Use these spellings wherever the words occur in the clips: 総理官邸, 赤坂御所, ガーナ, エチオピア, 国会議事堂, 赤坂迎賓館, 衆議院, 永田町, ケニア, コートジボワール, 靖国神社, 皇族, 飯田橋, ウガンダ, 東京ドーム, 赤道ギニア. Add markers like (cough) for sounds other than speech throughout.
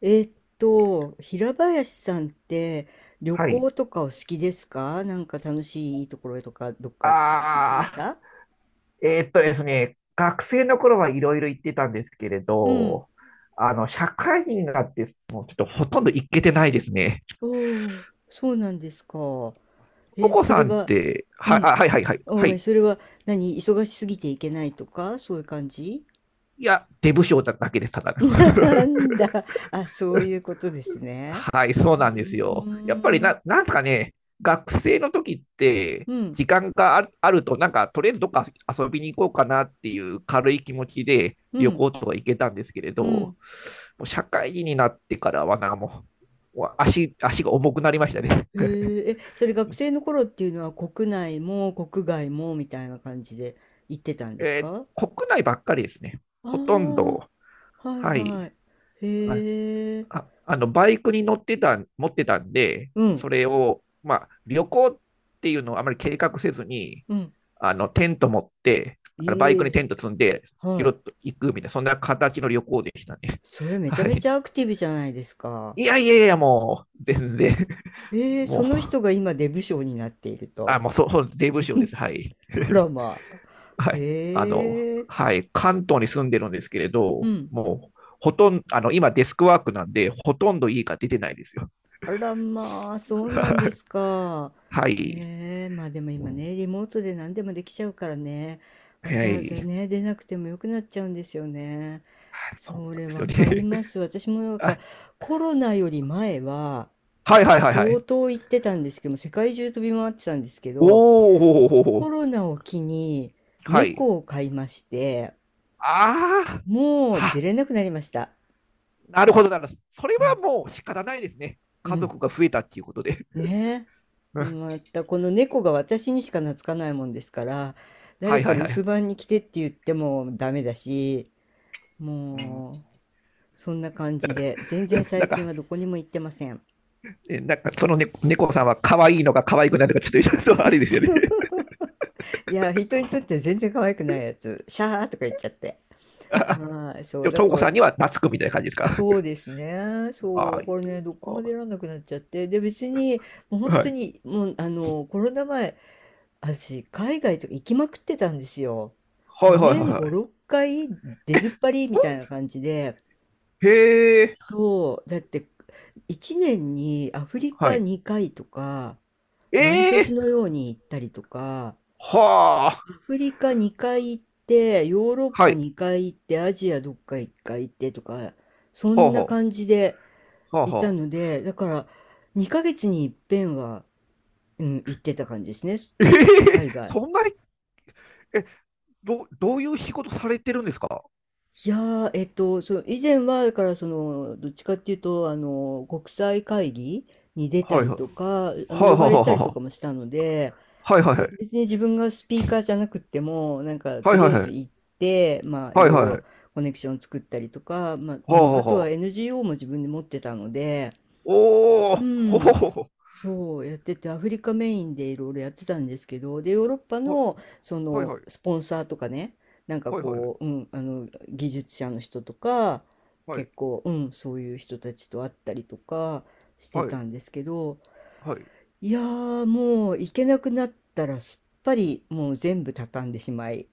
えーっ平林さんって、旅はい。行とかお好きですか？なんか楽しいところとかどっか最近行きましあた？ですね、学生の頃はいろいろ行ってたんですけれうん。ど、社会人になって、もうちょっとほとんど行けてないですね。おー、そうなんですか。おえ、子そされんっは、て、うはい、ん。はい、はい、はい。あ、ごはめん、い。それは、何、忙しすぎていけないとかそういう感じ？ いや、出不精だけです、ただ (laughs) の。なんだ。あ、そう (laughs) いうことですね。はい、そううなんですよ。ーやっぱりん。な、なんすかね、学生の時って、うん。時間があると、なんか、とりあえずどっか遊びに行こうかなっていう軽い気持ちでう旅ん。行とか行けたんですけれど、うもん。う社会人になってからは、なんかもう足が重くなりましたね。へえ、え、それ学生の頃っていうのは国内も国外もみたいな感じで行ってたんですか？国内ばっかりですね。ああほとんー、ど、はいははい。い。へえ、バイクに乗ってた、持ってたんで、うそん、れを、まあ、旅行っていうのをあまり計画せずに、うん。テント持って、あのバいイクにえ、テント積んで、は拾っい。ていくみたいな、そんな形の旅行でしたね。(laughs) それめちゃはめい。ちゃアクティブじゃないですか。いやいやいや、もう、全然、ええ、もそう、の人が今デブ賞になっていると。もう、そう、税務署です。はい。あら (laughs) まあ。はい。へえ、はい。関東に住んでるんですけれうど、ん。もう、ほとんど、今デスクワークなんで、ほとんど家が出てないですよ。あらまあ、そうなんですか。(laughs) はい。へえ、まあでも今ね、リモートで何でもできちゃうからね、わ早ざわざい。ね、出なくてもよくなっちゃうんですよね。そうそなんれですわよかりね。ます。私も (laughs) なんかあ、コロナより前ははいはいはいは相い。当行ってたんですけども、世界中飛び回ってたんですけど、おー、ほうほうほうほコう。ロナを機にはい。猫を飼いまして、あもうあ、出れなくなりました。なるほどなるほど。それうはん、もう仕方ないですね。う家ん。族が増えたっていうことで。ね (laughs) うえ。んまたこの猫が私にしか懐かないもんですから、は誰いかはい留はい。守番に来てって言ってもダメだし、うんもうそんな感じで、全然なん最近か、はどこにも行ってません。なんかそのね、猫さんは可愛いのか可愛くないのか、ちょっとあれですよね。(laughs) いや、人にとって全然可愛くないやつ、シャーとか言っちゃって。(laughs) あはい、そでう、も、だともかこら、さんには懐くみたいな感じですか？そうですね。(laughs) そあーう、これね、どこも出あられなくなっちゃって。で、別に、もう本は当い。に、もう、あの、コロナ前、私、海外とか行きまくってたんですよ。はい。もうはいはい年は5、い。6回出ずっぱりみたいなそ感じで、んへえ。そう、だって1年にアフリはカい。2回とか、え毎年えのように行ったりとか、はあ。アフリカ2回行って、ヨーロッはパい。2回行って、アジアどっか1回行ってとか、そほうんなほ感うじではあいたはのあ。で、だから2ヶ月に一遍は、うん、行ってた感じですね、ええ海外。そんなに、え、どういう仕事されてるんですか？いやー、その以前はだからそのどっちかっていうとあの国際会議に出たはいりはい。とか、あはのいは呼いばれたりとはかもしたので、いはいはい。別に自分がスピーカーじゃなくってもなんかはといはりいあえはずい。行って、まあいはいろいはいはろい。コネクション作ったりとか、まあうはいはいはい。はあん、あはとあはは あ。NGO も自分で持ってたので、おお、うほほん、ほほ。そうやっててアフリカメインでいろいろやってたんですけど、でヨーロッパはいのそはいのはい。スポンサーとかね、なんかはいはいはい。こう、うん、あの技術者の人とかはい結構、うん、そういう人たちと会ったりとかしてはたいんですけど、はい。いやーもう行けなくなったらすっぱりもう全部畳んでしまい、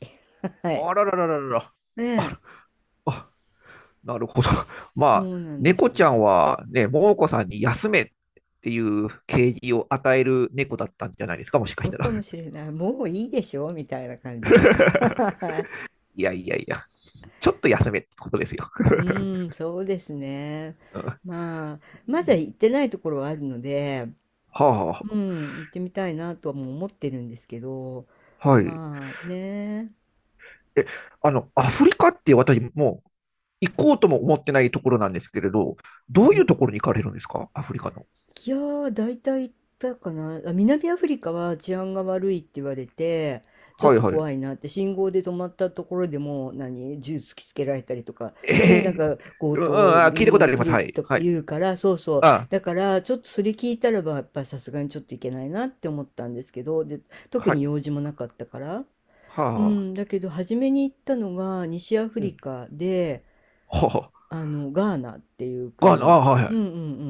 (laughs) はい。あらららららら。ねあえ。ら、あ、なるほど。(laughs) まそあ、うなんで猫ちす。ゃんはね、桃子さんに休めっていう啓示を与える猫だったんじゃないですか、もしかそしうたら。かもしれない、もういいでしょみたいな感じ。 (laughs) (laughs) はい。いやいやいや、ちょっと休めってことですよ。うーん、そうですね。うんまあ、まだ行ってないところはあるので、はうあ、ん、行ってみたいなとはもう思ってるんですけど、はい。まあね、え、あの、アフリカって私もう行こうとも思ってないところなんですけれど、どういうところに行かれるんですかアフリカの？いやー、大体行ったかな。あ、南アフリカは治安が悪いって言われて、ちょっはいとはい。怖いなって、信号で止まったところでもう、何、銃突きつけられたりとか、えね、なんえか強うん、盗、う聞いたことあん、りま来す。るはい。とはい。言うから、そうそう。あ、だから、ちょっとそれ聞いたらば、やっぱさすがにちょっといけないなって思ったんですけど、で、特はにい。用事もなかったから。うはあ。ん、だけど、初めに行ったのが西アフうリん。カで、はあのガーナっていうあ。国、はいはうんい。うんう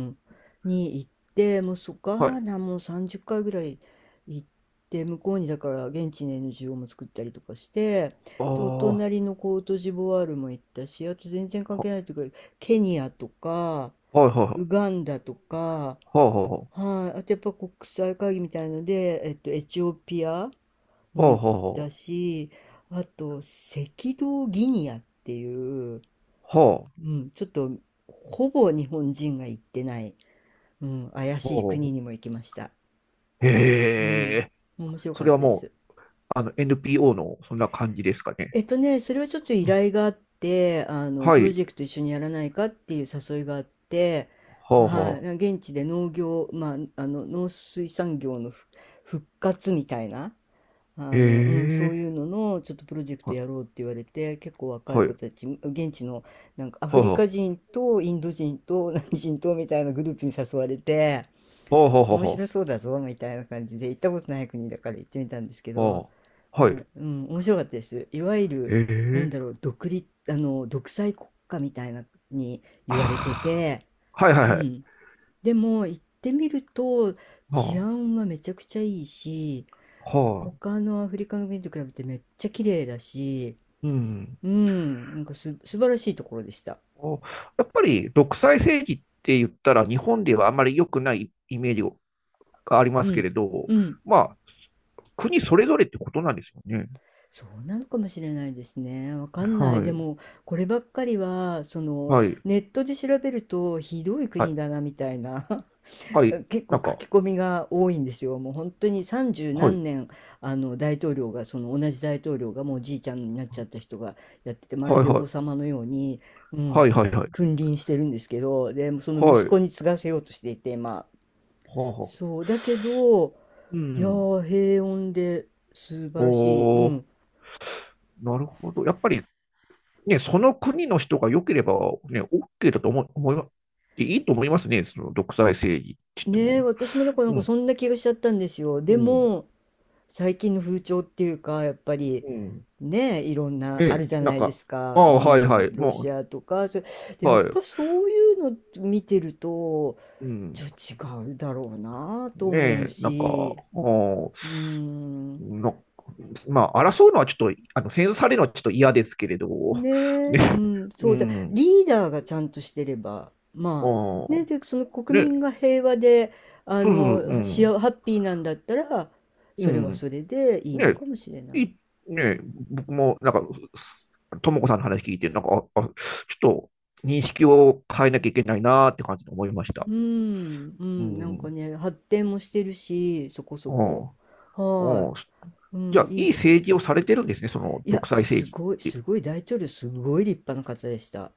ん、に行って、もうガはい。ーナも30回ぐらい行って、向こうにだから現地の NGO も作ったりとかして、あでおあ。隣のコートジボワールも行ったし、あと全然関は、係ないというかケニアとかはいはいはウい。ガンダとか、はあはあははい、あとやっぱ国際会議みたいので、エチオピアあもは行っあたはし、あと赤道ギニアっていう。あ。はうん、ちょっと、ほぼ日本人が行ってない、うん、怪あ。しいは国にあ。も行きました。うへん、え。面白そかっれはたでもす。う、NPO のそんな感じですかね？ね、それはちょっと依うん頼があって、あの、はプロい。ジェクト一緒にやらないかっていう誘いがあって、はあははい、あ現地で農業、まあ、あの、農水産業の復活みたいな、あの、うん、そうえいうえののちょっとプロジェクトは、やろうって言われて、結構若いはい、子たち現地の、なんかアはフいはリい、カは人とインド人と (laughs) 何人とみたいなグループに誘われて、あはあはあ、面は白あ、そうだぞみたいな感じで、行ったことない国だから行ってみたんですけど、ほうはまあ、い、うん、面白かったです。いわゆる、なんええだろう、独立あの独裁国家みたいなにあ言われてて、あ、はいはいうはい、ん、でも行ってみるとは治は安はめちゃくちゃいいし。はははいええああはいはいはいはあはあ他のアフリカの国と比べてめっちゃ綺麗だし、うん。うん、なんか素晴らしいところでした。おやっぱり独裁政治って言ったら日本ではあまり良くないイメージがありまうすけん、れど、うん。まあ、国それぞれってことなんですよね。そうなのかもしれないですね。わかんなはい。でい、も、こればっかりは、その、はい、ネットで調べるとひどいは国だい、な、みたいな。はい、結な構ん書か、き込みが多いんですよ。もう本当に三十はい、何年あの大統領が、その同じ大統領がもうおじいちゃんになっちゃった人がやってて、まるはいでは王い、様のように、うはん、いはいはい、君臨してるんですけど、でそのは息い、は子に継がせようとしていて、まああはあ、そうだけど、ういやん。ー平穏で素晴らしい。うおー、ん、なるほど。やっぱりね、その国の人が良ければ、ね、OK だと思い、思いま、いいと思いますね、その独裁政治って言ってねえ、も。私もだからなんうかん、そんな気がしちゃったんですよ。うでん、も最近の風潮っていうかやっぱりうん。ね、いろんなあるね、じゃななんいでか、すあか、うあ、はいはん、い、ロシもアとかそれで、う、やっはい、ぱそういうの見てるとうちん。ょっと違うだろうなとね思うえ、なんか、し、おうん、の、まあ、争うのはちょっと、戦争されるのはちょっと嫌ですけれど、ねえ、うね、ん、うそうだ、ん、リーダーがちゃんとしてれば、まああね、あ、でその国ね、民が平和で、あそうそう、うのん、ハッピーなんだったら、うそれはん、それでいいのね、かもしれない。いね、僕も、なんか、ともこさんの話聞いて、なんか、ちょっと認識を変えなきゃいけないなーって感じで思いました。うん、ううん、なんかん。ね、発展もしてるし、そこそうんこ。はうんい。うじゃん、あ、いいいいとこで。政治をされてるんですね、そのいや、独裁政す治っごい、ていう。すごい、大統領、すごい立派な方でした。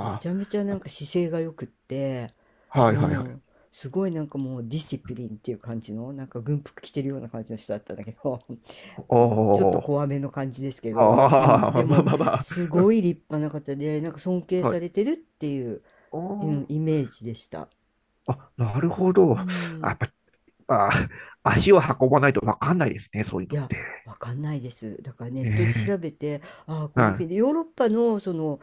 めちゃめちゃなんか姿勢が良くって、あ、はういはいはん、い。すごいなんかもうディシプリンっていう感じの、なんか軍服着てるような感じの人だったんだけど、(laughs) おちょっとー、怖めの感じですけど、うあん、であ、(laughs) まあも、まあますごい立派な方で、なんか尊敬あ。はされい。てるっていう、おうー、ん、イメージでした。なるほど。うやん、っぱ、あ足を運ばないとわかんないですね、そういういのっや、て。わかんないです。だからネッえトで調えべて、ああ、このは国い。でヨーロッパのその、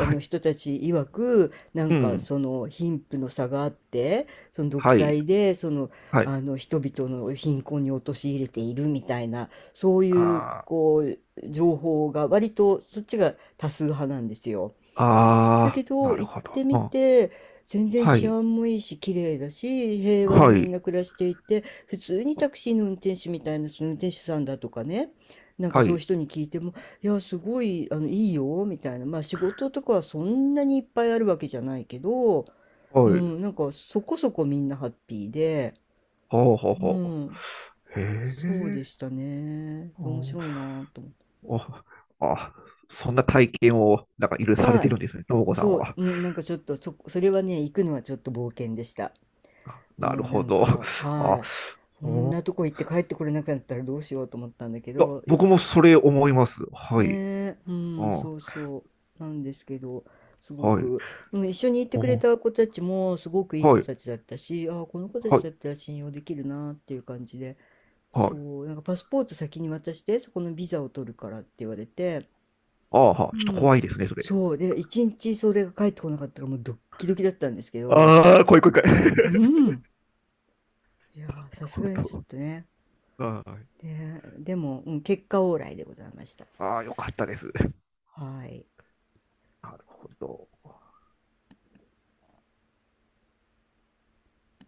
あのい。人たち曰く、なんうかん。その貧富の差があって、その独はい。裁で、その、はい。あの人々の貧困に陥れているみたいな、そういう、あこう、情報が割とそっちが多数派なんですよ。だあ、けああ、どなる行っほど。てみうん。て全然は治い。安もいいし綺麗だし平和にはみんい。な暮らしていて、普通にタクシーの運転手みたいな、その運転手さんだとかね、なんかはそういうい。人に聞いても「いやすごいあのいいよ」みたいな、まあ仕事とかはそんなにいっぱいあるわけじゃないけど、うはい。ん、なんかそこそこみんなハッピーで、ほうほううほん、う。へそうえ。でしたね、面お、白いなぁと思って。お、あ、そんな体験を、なんかいろいろされはてい、るんですね、ともこさんそう、は。うん、なんかちょっとそれはね、行くのはちょっと冒険でした。うなるん、なほんど。か、あ、はい。こうんんなとこ行って帰ってこれなくなったらどうしようと思ったんだけいや、ど、僕もそれ思います。はねい。え、ううん、ん。そうそう、なんですけど、すごはい。く、うん、一緒に行ってくれおた子たちもすごくいいは子い。たちだったし、ああ、この子たはちだっい。たら信用できるなっていう感じで、はい。そう、なんかパスポート先に渡して、そこのビザを取るからって言われて、ああ、はうあ、ちょっとん、怖いですね、それ。そう、で、一日それが帰ってこなかったからもうドッキドキだったんですけど、ああ、怖い怖い怖い。う (laughs) ん、いやなー、るさすほがにちょっど。とね、はい。で、でも、うん、結果オーライでございました。ああ、よかったです。はい。なるほど。